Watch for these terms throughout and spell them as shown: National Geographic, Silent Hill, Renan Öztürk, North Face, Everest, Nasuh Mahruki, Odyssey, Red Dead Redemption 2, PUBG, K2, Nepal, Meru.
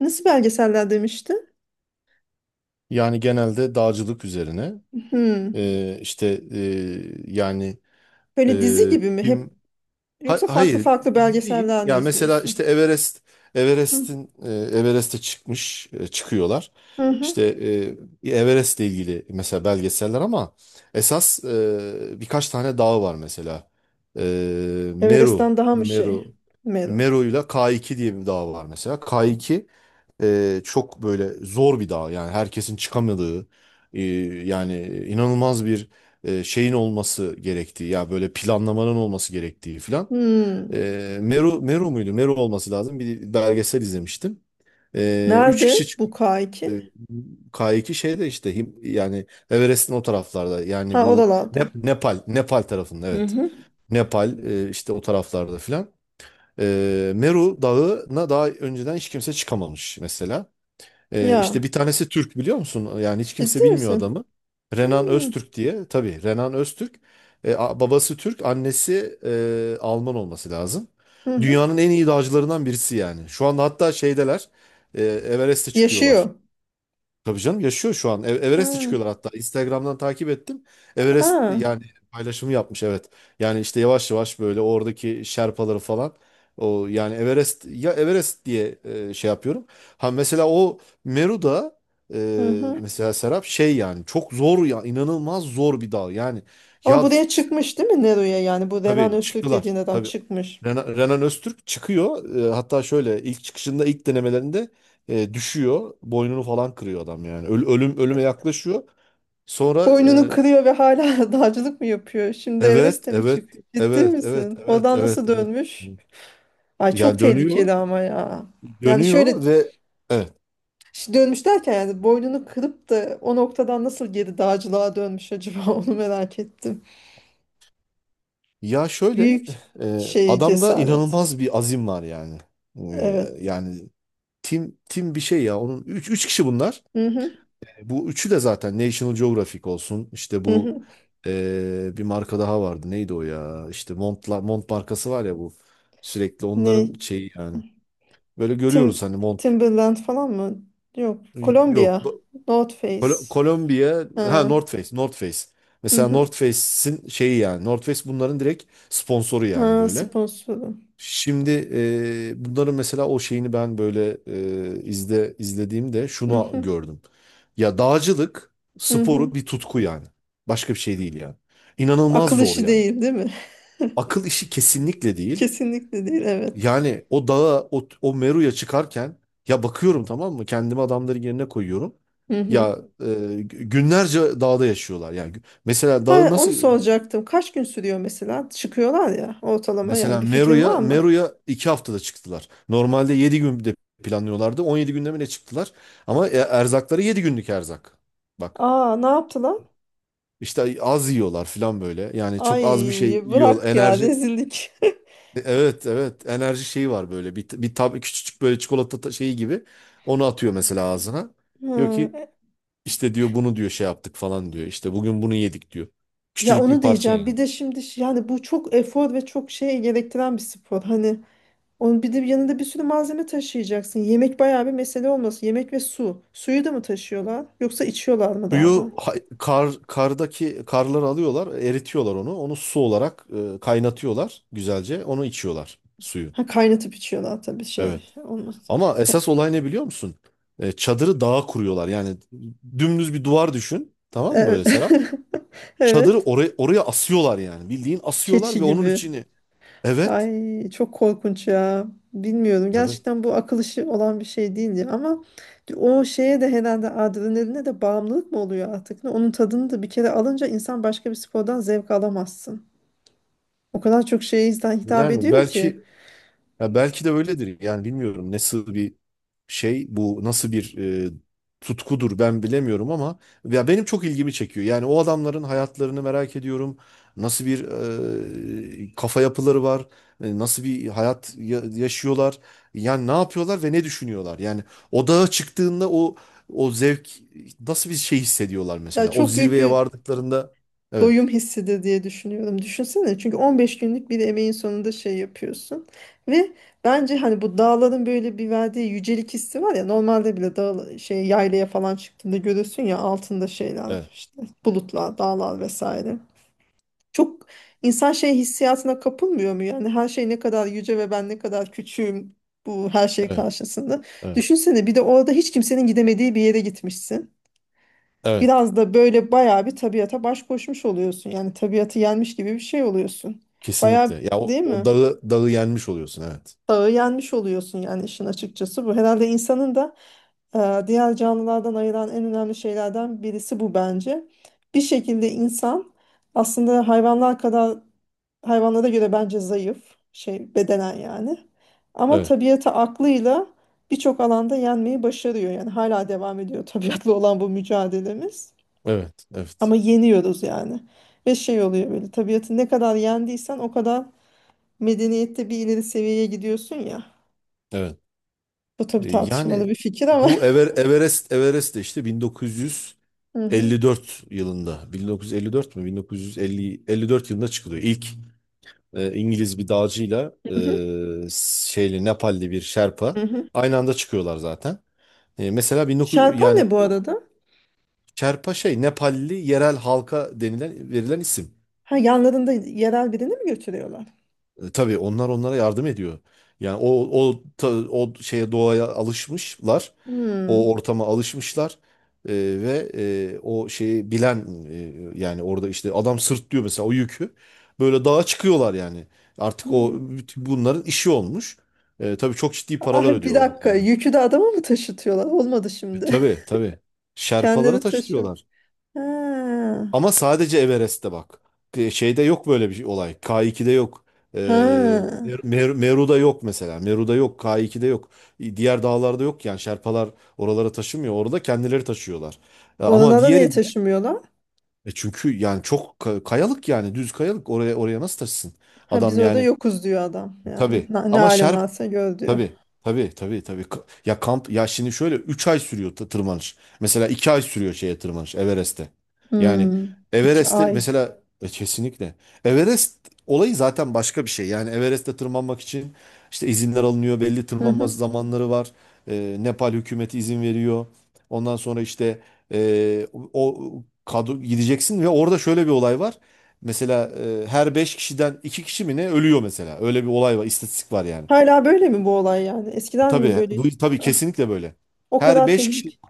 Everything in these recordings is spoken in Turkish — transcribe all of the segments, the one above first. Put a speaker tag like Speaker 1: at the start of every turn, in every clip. Speaker 1: Nasıl belgeseller demişti?
Speaker 2: Yani genelde dağcılık üzerine.
Speaker 1: Hmm.
Speaker 2: İşte e, yani
Speaker 1: Böyle dizi
Speaker 2: e,
Speaker 1: gibi mi? Hep
Speaker 2: tim
Speaker 1: yoksa farklı
Speaker 2: Hayır,
Speaker 1: farklı
Speaker 2: değil.
Speaker 1: belgeseller mi
Speaker 2: Ya mesela işte
Speaker 1: izliyorsun?
Speaker 2: Everest,
Speaker 1: Hı
Speaker 2: Everest'e çıkmış, çıkıyorlar.
Speaker 1: hı. hı.
Speaker 2: İşte Everest'le ilgili mesela belgeseller, ama esas birkaç tane dağ var mesela. E, Meru
Speaker 1: Everest'ten daha mı şey?
Speaker 2: Meru
Speaker 1: Meru.
Speaker 2: Meru'yla K2 diye bir dağ var mesela. K2 çok böyle zor bir dağ, yani herkesin çıkamadığı, e, yani inanılmaz bir şeyin olması gerektiği, ya böyle planlamanın olması gerektiği filan.
Speaker 1: Hmm.
Speaker 2: Meru muydu? Meru olması lazım. Bir belgesel izlemiştim. Üç kişi
Speaker 1: Nerede bu
Speaker 2: çıkıp
Speaker 1: K2?
Speaker 2: e, K2 şeyde işte yani Everest'in o taraflarda, yani
Speaker 1: Ha
Speaker 2: bu
Speaker 1: oralardan.
Speaker 2: Nepal tarafında,
Speaker 1: Hı
Speaker 2: evet.
Speaker 1: hı.
Speaker 2: Nepal, işte o taraflarda filan. Meru Dağı'na daha önceden hiç kimse çıkamamış mesela. İşte
Speaker 1: Ya
Speaker 2: bir tanesi Türk, biliyor musun? Yani hiç
Speaker 1: ciddi
Speaker 2: kimse bilmiyor
Speaker 1: misin?
Speaker 2: adamı. Renan
Speaker 1: Hmm.
Speaker 2: Öztürk diye. Tabii Renan Öztürk. Babası Türk, annesi Alman olması lazım.
Speaker 1: Hı hı.
Speaker 2: Dünyanın en iyi dağcılarından birisi yani. Şu anda hatta şeydeler. Everest'e çıkıyorlar.
Speaker 1: Yaşıyor.
Speaker 2: Tabii canım, yaşıyor şu an. Everest'e
Speaker 1: Ha.
Speaker 2: çıkıyorlar hatta. Instagram'dan takip ettim. Everest
Speaker 1: Aa.
Speaker 2: yani paylaşımı yapmış, evet. Yani işte yavaş yavaş böyle oradaki şerpaları falan. O yani Everest, ya Everest diye şey yapıyorum. Ha mesela o Meru'da,
Speaker 1: Hı hı.
Speaker 2: mesela Serap şey, yani çok zor ya, inanılmaz zor bir dağ. Yani
Speaker 1: Ama
Speaker 2: ya,
Speaker 1: buraya çıkmış değil mi Nero'ya yani? Bu Renan
Speaker 2: tabii
Speaker 1: Öztürk
Speaker 2: çıktılar.
Speaker 1: dediğin adam
Speaker 2: Tabii.
Speaker 1: çıkmış.
Speaker 2: Renan Öztürk çıkıyor. Hatta şöyle ilk çıkışında, ilk denemelerinde düşüyor. Boynunu falan kırıyor adam yani. Ölüm, ölüme yaklaşıyor. Sonra
Speaker 1: Boynunu kırıyor ve hala dağcılık mı yapıyor? Şimdi
Speaker 2: evet
Speaker 1: Everest'e mi
Speaker 2: evet
Speaker 1: çıkıyor? Ciddi
Speaker 2: evet evet
Speaker 1: misin?
Speaker 2: evet
Speaker 1: Oradan nasıl
Speaker 2: evet evet.
Speaker 1: dönmüş? Ay çok
Speaker 2: Yani dönüyor.
Speaker 1: tehlikeli ama ya. Yani şöyle
Speaker 2: Dönüyor ve evet.
Speaker 1: dönmüş derken yani boynunu kırıp da o noktadan nasıl geri dağcılığa dönmüş acaba onu merak ettim.
Speaker 2: Ya şöyle
Speaker 1: Büyük şey
Speaker 2: adamda
Speaker 1: cesaret.
Speaker 2: inanılmaz bir azim var yani. E,
Speaker 1: Evet.
Speaker 2: yani tim tim bir şey ya. Onun üç kişi bunlar.
Speaker 1: Hı hı,
Speaker 2: Bu üçü de zaten National Geographic olsun. İşte
Speaker 1: hı
Speaker 2: bu
Speaker 1: hı.
Speaker 2: bir marka daha vardı. Neydi o ya? İşte Montla, Mont markası var ya bu. Sürekli onların
Speaker 1: Ne?
Speaker 2: şeyi yani. Böyle görüyoruz
Speaker 1: Tim
Speaker 2: hani Mont.
Speaker 1: Timberland falan mı? Yok.
Speaker 2: Yok.
Speaker 1: Kolombiya. North Face.
Speaker 2: Kolombiya. Ha
Speaker 1: Ha,
Speaker 2: North Face. North Face.
Speaker 1: hı
Speaker 2: Mesela
Speaker 1: hı.
Speaker 2: North Face'in şeyi yani. North Face bunların direkt sponsoru yani
Speaker 1: Ha,
Speaker 2: böyle.
Speaker 1: sponsoru.
Speaker 2: Şimdi bunların mesela o şeyini ben böyle izlediğimde
Speaker 1: Hı
Speaker 2: şunu
Speaker 1: hı,
Speaker 2: gördüm. Ya dağcılık
Speaker 1: hı
Speaker 2: sporu
Speaker 1: hı.
Speaker 2: bir tutku yani. Başka bir şey değil yani. İnanılmaz
Speaker 1: Akıl
Speaker 2: zor
Speaker 1: işi
Speaker 2: yani.
Speaker 1: değil, değil mi?
Speaker 2: Akıl işi kesinlikle değil.
Speaker 1: Kesinlikle değil, evet.
Speaker 2: Yani o dağa, o, Meru'ya çıkarken ya bakıyorum, tamam mı? Kendimi adamların yerine koyuyorum.
Speaker 1: Hı hı.
Speaker 2: Ya günlerce dağda yaşıyorlar. Yani mesela dağı
Speaker 1: Ha, onu
Speaker 2: nasıl...
Speaker 1: soracaktım. Kaç gün sürüyor mesela? Çıkıyorlar ya ortalama yani
Speaker 2: Mesela
Speaker 1: bir fikrin
Speaker 2: Meru'ya
Speaker 1: var mı?
Speaker 2: Meru'ya 2 haftada çıktılar. Normalde 7 günde planlıyorlardı. 17 günde mi ne çıktılar? Ama erzakları 7 günlük erzak. Bak
Speaker 1: Aa, ne yaptılar?
Speaker 2: işte az yiyorlar falan böyle. Yani çok
Speaker 1: Ay
Speaker 2: az bir şey yiyor.
Speaker 1: bırak ya
Speaker 2: Enerji...
Speaker 1: rezillik.
Speaker 2: Evet evet, enerji şeyi var böyle. Bir, bir tab küçücük böyle çikolata şeyi gibi. Onu atıyor mesela ağzına. Diyor ki
Speaker 1: Ha,
Speaker 2: işte, diyor bunu, diyor şey yaptık falan, diyor. İşte bugün bunu yedik, diyor.
Speaker 1: ya
Speaker 2: Küçücük bir
Speaker 1: onu
Speaker 2: parça
Speaker 1: diyeceğim. Bir
Speaker 2: yani.
Speaker 1: de şimdi yani bu çok efor ve çok şey gerektiren bir spor. Hani onun bir de yanında bir sürü malzeme taşıyacaksın. Yemek bayağı bir mesele olması. Yemek ve su. Suyu da mı taşıyorlar? Yoksa içiyorlar mı daha da?
Speaker 2: Suyu kar, kardaki karları alıyorlar, eritiyorlar onu. Onu su olarak kaynatıyorlar güzelce. Onu içiyorlar, suyu.
Speaker 1: Ha, kaynatıp içiyorlar tabii şey
Speaker 2: Evet.
Speaker 1: olmaz.
Speaker 2: Ama esas olay ne, biliyor musun? Çadırı dağa kuruyorlar. Yani dümdüz bir duvar düşün. Tamam mı
Speaker 1: Evet.
Speaker 2: böyle Serap? Çadırı
Speaker 1: Evet.
Speaker 2: oraya, oraya asıyorlar yani. Bildiğin asıyorlar
Speaker 1: Keçi
Speaker 2: ve onun
Speaker 1: gibi.
Speaker 2: içini. Evet.
Speaker 1: Ay çok korkunç ya. Bilmiyorum.
Speaker 2: Evet.
Speaker 1: Gerçekten bu akıl işi olan bir şey değildi ama o şeye de herhalde adrenaline de bağımlılık mı oluyor artık? Ne? Onun tadını da bir kere alınca insan başka bir spordan zevk alamazsın. O kadar çok şeye insan hitap
Speaker 2: Yani
Speaker 1: ediyor ki.
Speaker 2: belki, ya belki de öyledir. Yani bilmiyorum, nasıl bir şey bu, nasıl bir e, tutkudur, ben bilemiyorum, ama ya benim çok ilgimi çekiyor. Yani o adamların hayatlarını merak ediyorum. Nasıl bir kafa yapıları var? Nasıl bir hayat yaşıyorlar? Yani ne yapıyorlar ve ne düşünüyorlar? Yani o dağa çıktığında o, o zevk nasıl bir şey hissediyorlar
Speaker 1: Ya
Speaker 2: mesela? O
Speaker 1: çok büyük
Speaker 2: zirveye
Speaker 1: bir
Speaker 2: vardıklarında evet.
Speaker 1: doyum hissidir diye düşünüyorum. Düşünsene çünkü 15 günlük bir emeğin sonunda şey yapıyorsun. Ve bence hani bu dağların böyle bir verdiği yücelik hissi var ya normalde bile dağ şey yaylaya falan çıktığında görürsün ya altında şeyler
Speaker 2: Evet.
Speaker 1: işte bulutlar, dağlar vesaire. Çok insan şey hissiyatına kapılmıyor mu? Yani her şey ne kadar yüce ve ben ne kadar küçüğüm bu her şey
Speaker 2: Evet.
Speaker 1: karşısında.
Speaker 2: Evet.
Speaker 1: Düşünsene bir de orada hiç kimsenin gidemediği bir yere gitmişsin.
Speaker 2: Evet.
Speaker 1: Biraz da böyle bayağı bir tabiata baş koşmuş oluyorsun. Yani tabiatı yenmiş gibi bir şey oluyorsun. Bayağı
Speaker 2: Kesinlikle. Ya o,
Speaker 1: değil
Speaker 2: o
Speaker 1: mi?
Speaker 2: dağı yenmiş oluyorsun, evet.
Speaker 1: Dağı yenmiş oluyorsun yani işin açıkçası bu. Herhalde insanın da diğer canlılardan ayıran en önemli şeylerden birisi bu bence. Bir şekilde insan aslında hayvanlar kadar hayvanlara göre bence zayıf şey bedenen yani. Ama
Speaker 2: Evet,
Speaker 1: tabiata aklıyla birçok alanda yenmeyi başarıyor. Yani hala devam ediyor tabiatla olan bu mücadelemiz.
Speaker 2: evet, evet,
Speaker 1: Ama yeniyoruz yani. Ve şey oluyor böyle tabiatı ne kadar yendiysen o kadar medeniyette bir ileri seviyeye gidiyorsun ya.
Speaker 2: evet.
Speaker 1: Bu tabii
Speaker 2: Yani
Speaker 1: tartışmalı bir fikir ama.
Speaker 2: bu Everest de işte
Speaker 1: Hı hı.
Speaker 2: 1954 yılında, 1954 mü? 1950, 54 yılında çıkılıyor. İlk İngiliz bir dağcıyla şeyli Nepalli bir Şerpa
Speaker 1: Hı hı.
Speaker 2: aynı anda çıkıyorlar zaten. E, mesela 19
Speaker 1: Şarpan
Speaker 2: yani
Speaker 1: ne bu
Speaker 2: o...
Speaker 1: arada?
Speaker 2: Şerpa şey, Nepalli yerel halka denilen, verilen isim.
Speaker 1: Ha yanlarında yerel birini mi götürüyorlar?
Speaker 2: Tabii onlar onlara yardım ediyor. Yani o o o şeye, doğaya alışmışlar, o
Speaker 1: Hmm.
Speaker 2: ortama alışmışlar. Ee, Ve o şeyi bilen, yani orada işte adam sırtlıyor mesela o yükü, böyle dağa çıkıyorlar yani. Artık o
Speaker 1: Hmm.
Speaker 2: bütün bunların işi olmuş. Tabii çok ciddi paralar
Speaker 1: Ay bir
Speaker 2: ödüyorlar
Speaker 1: dakika
Speaker 2: yani.
Speaker 1: yükü de adama mı taşıtıyorlar? Olmadı
Speaker 2: E,
Speaker 1: şimdi.
Speaker 2: tabii tabii Şerpalara
Speaker 1: Kendileri
Speaker 2: taş
Speaker 1: taşı.
Speaker 2: diyorlar.
Speaker 1: Ha.
Speaker 2: Ama sadece Everest'te bak. Şeyde yok böyle bir olay. K2'de yok. Ee,
Speaker 1: Ha.
Speaker 2: Meru'da yok mesela. Meru'da yok. K2'de yok. Diğer dağlarda yok yani. Şerpalar oralara taşımıyor. Orada kendileri taşıyorlar. Ama
Speaker 1: Oralara niye
Speaker 2: diğerinde
Speaker 1: taşımıyorlar?
Speaker 2: çünkü yani çok kayalık, yani düz kayalık. Oraya, oraya nasıl taşısın?
Speaker 1: Ha biz
Speaker 2: Adam
Speaker 1: orada
Speaker 2: yani,
Speaker 1: yokuz diyor adam yani.
Speaker 2: tabii.
Speaker 1: Ne, ne
Speaker 2: Ama
Speaker 1: halin varsa gör diyor.
Speaker 2: tabii. Tabii. Ya kamp... Ya şimdi şöyle 3 ay sürüyor tırmanış. Mesela 2 ay sürüyor şeye tırmanış, Everest'e. Yani
Speaker 1: Hmm, iki
Speaker 2: Everest'te
Speaker 1: ay.
Speaker 2: mesela kesinlikle. Everest olayı zaten başka bir şey. Yani Everest'te tırmanmak için işte izinler alınıyor. Belli
Speaker 1: Hı
Speaker 2: tırmanma
Speaker 1: hı.
Speaker 2: zamanları var. Nepal hükümeti izin veriyor. Ondan sonra işte e, o kadro gideceksin ve orada şöyle bir olay var. Mesela her 5 kişiden 2 kişi mi ne ölüyor mesela. Öyle bir olay var, istatistik var yani.
Speaker 1: Hala böyle mi bu olay yani? Eskiden mi
Speaker 2: Tabii
Speaker 1: böyle?
Speaker 2: bu, tabii
Speaker 1: Ah,
Speaker 2: kesinlikle böyle.
Speaker 1: o
Speaker 2: Her
Speaker 1: kadar
Speaker 2: 5 kişi,
Speaker 1: tehlik.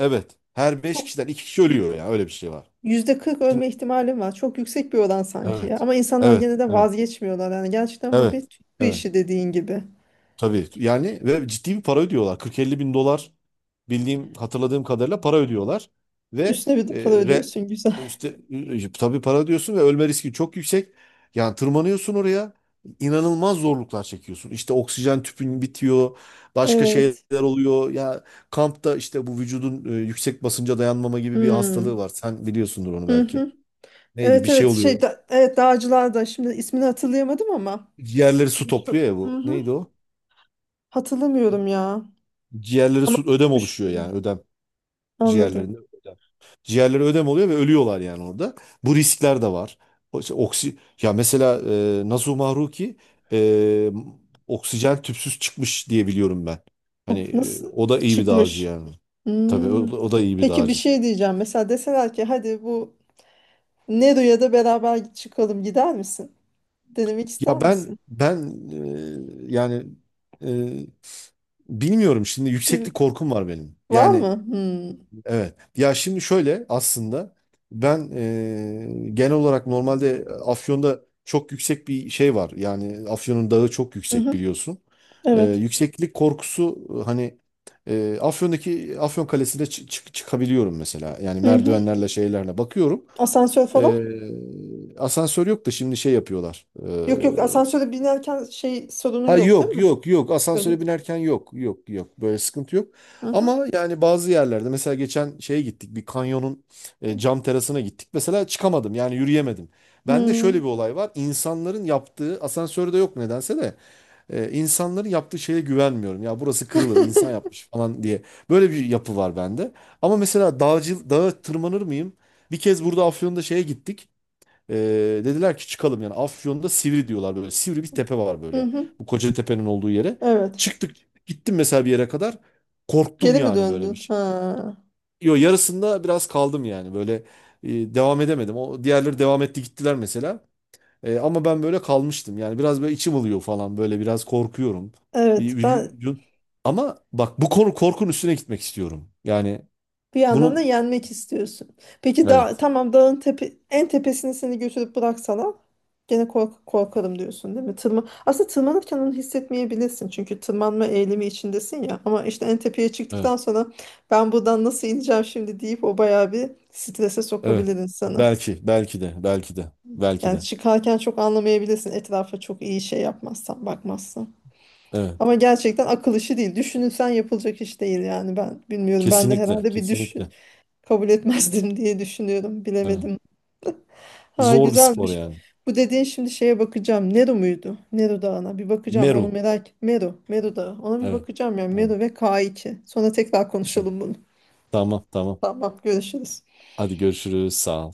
Speaker 2: evet. Her 5
Speaker 1: Çok
Speaker 2: kişiden 2 kişi ölüyor ya, öyle bir şey var.
Speaker 1: %40
Speaker 2: Şimdi
Speaker 1: ölme ihtimalim var. Çok yüksek bir oran sanki ya.
Speaker 2: evet.
Speaker 1: Ama insanlar
Speaker 2: Evet.
Speaker 1: gene de
Speaker 2: Evet.
Speaker 1: vazgeçmiyorlar. Yani gerçekten bu bir
Speaker 2: Evet.
Speaker 1: tutku
Speaker 2: Evet.
Speaker 1: işi dediğin gibi.
Speaker 2: Tabii yani, ve ciddi bir para ödüyorlar. 40-50 bin dolar bildiğim, hatırladığım kadarıyla para ödüyorlar. Ve
Speaker 1: Üstüne bir
Speaker 2: e,
Speaker 1: de para
Speaker 2: re,
Speaker 1: ödüyorsun güzel.
Speaker 2: işte tabii para ödüyorsun ve ölme riski çok yüksek. Yani tırmanıyorsun oraya, inanılmaz zorluklar çekiyorsun. İşte oksijen tüpün bitiyor, başka
Speaker 1: Evet.
Speaker 2: şeyler oluyor. Ya kampta işte bu vücudun yüksek basınca dayanmama gibi bir hastalığı
Speaker 1: Hmm.
Speaker 2: var. Sen biliyorsundur onu
Speaker 1: Hı
Speaker 2: belki.
Speaker 1: hı.
Speaker 2: Neydi, bir
Speaker 1: Evet
Speaker 2: şey
Speaker 1: evet şey
Speaker 2: oluyor.
Speaker 1: da, evet dağcılar da şimdi ismini hatırlayamadım ama
Speaker 2: Ciğerleri su
Speaker 1: şu,
Speaker 2: topluyor ya
Speaker 1: hı
Speaker 2: bu.
Speaker 1: hı.
Speaker 2: Neydi o?
Speaker 1: Hatırlamıyorum ya.
Speaker 2: Ciğerleri
Speaker 1: Ama
Speaker 2: su, ödem oluşuyor yani,
Speaker 1: düştüm.
Speaker 2: ödem.
Speaker 1: Anladım.
Speaker 2: Ciğerlerinde ödem. Ciğerleri ödem oluyor ve ölüyorlar yani orada. Bu riskler de var. İşte ya mesela Nasuh Mahruki e, oksijen tüpsüz çıkmış diye biliyorum ben. Hani
Speaker 1: O nasıl
Speaker 2: o da iyi bir dağcı
Speaker 1: çıkmış?
Speaker 2: yani. Tabii o,
Speaker 1: Hmm.
Speaker 2: o da iyi bir
Speaker 1: Peki bir
Speaker 2: dağcı.
Speaker 1: şey diyeceğim. Mesela deseler ki hadi bu Nero'ya da beraber çıkalım gider misin? Denemek ister
Speaker 2: Ya ben
Speaker 1: misin?
Speaker 2: ben e, yani e, bilmiyorum, şimdi yükseklik
Speaker 1: Bil-
Speaker 2: korkum var benim.
Speaker 1: Var
Speaker 2: Yani
Speaker 1: mı? Hmm.
Speaker 2: evet. Ya şimdi şöyle aslında ben genel olarak normalde Afyon'da çok yüksek bir şey var. Yani Afyon'un dağı çok
Speaker 1: Hı
Speaker 2: yüksek
Speaker 1: hı.
Speaker 2: biliyorsun.
Speaker 1: Evet.
Speaker 2: Yükseklik korkusu, Afyon'daki Afyon Kalesi'ne çıkabiliyorum mesela. Yani
Speaker 1: Hı hı.
Speaker 2: merdivenlerle, şeylerle bakıyorum.
Speaker 1: Asansör falan?
Speaker 2: E, Asansör yok da şimdi şey yapıyorlar.
Speaker 1: Yok yok asansöre binerken şey sorunun
Speaker 2: Ha
Speaker 1: yok değil
Speaker 2: yok
Speaker 1: mi?
Speaker 2: yok yok,
Speaker 1: Öyle.
Speaker 2: asansöre binerken yok yok yok, böyle sıkıntı yok.
Speaker 1: Hı hı.
Speaker 2: Ama yani bazı yerlerde, mesela geçen şeye gittik, bir kanyonun cam terasına gittik. Mesela çıkamadım, yani yürüyemedim. Bende şöyle
Speaker 1: Hmm.
Speaker 2: bir olay var, insanların yaptığı... Asansörde yok nedense de insanların yaptığı şeye güvenmiyorum. Ya burası kırılır, insan yapmış falan diye böyle bir yapı var bende. Ama mesela dağcı, dağa tırmanır mıyım? Bir kez burada Afyon'da şeye gittik. Dediler ki çıkalım, yani Afyon'da Sivri diyorlar böyle. Sivri bir tepe var
Speaker 1: Hı
Speaker 2: böyle.
Speaker 1: hı.
Speaker 2: Bu Kocatepe'nin olduğu yere.
Speaker 1: Evet.
Speaker 2: Çıktık, gittim mesela bir yere kadar. Korktum
Speaker 1: Geri mi
Speaker 2: yani böyle bir
Speaker 1: döndün?
Speaker 2: şey.
Speaker 1: Ha.
Speaker 2: Yo yarısında biraz kaldım yani böyle devam edemedim. O diğerleri devam etti, gittiler mesela. Ama ben böyle kalmıştım. Yani biraz böyle içim ılıyor falan, böyle biraz korkuyorum. Bir
Speaker 1: Evet.
Speaker 2: vücudun- Ama bak, bu konu, korkun üstüne gitmek istiyorum. Yani
Speaker 1: Bir yandan da
Speaker 2: bunu
Speaker 1: yenmek istiyorsun. Peki dağ,
Speaker 2: evet
Speaker 1: tamam dağın tepe, en tepesini seni götürüp bıraksalar gene kork korkarım diyorsun değil mi? Aslında tırmanırken onu hissetmeyebilirsin. Çünkü tırmanma eğilimi içindesin ya. Ama işte en tepeye
Speaker 2: evet
Speaker 1: çıktıktan sonra ben buradan nasıl ineceğim şimdi deyip o bayağı bir strese
Speaker 2: evet,
Speaker 1: sokabilir insanı.
Speaker 2: belki belki de belki de belki
Speaker 1: Yani
Speaker 2: de
Speaker 1: çıkarken çok anlamayabilirsin etrafa çok iyi şey yapmazsan, bakmazsan.
Speaker 2: evet.
Speaker 1: Ama gerçekten akıl işi değil. Düşünülsen yapılacak iş değil yani ben bilmiyorum. Ben de
Speaker 2: Kesinlikle,
Speaker 1: herhalde bir düşün
Speaker 2: kesinlikle.
Speaker 1: kabul etmezdim diye düşünüyorum.
Speaker 2: Evet.
Speaker 1: Bilemedim. Ha
Speaker 2: Zor bir spor
Speaker 1: güzelmiş.
Speaker 2: yani.
Speaker 1: Bu dediğin şimdi şeye bakacağım. Nero muydu? Nero Dağı'na bir bakacağım. Onu
Speaker 2: Meru.
Speaker 1: merak. Mero. Mero Dağı. Ona bir
Speaker 2: Evet.
Speaker 1: bakacağım yani.
Speaker 2: Evet.
Speaker 1: Mero ve K2. Sonra tekrar
Speaker 2: Evet.
Speaker 1: konuşalım bunu.
Speaker 2: Tamam, tamam.
Speaker 1: Tamam görüşürüz.
Speaker 2: Hadi görüşürüz. Sağ ol.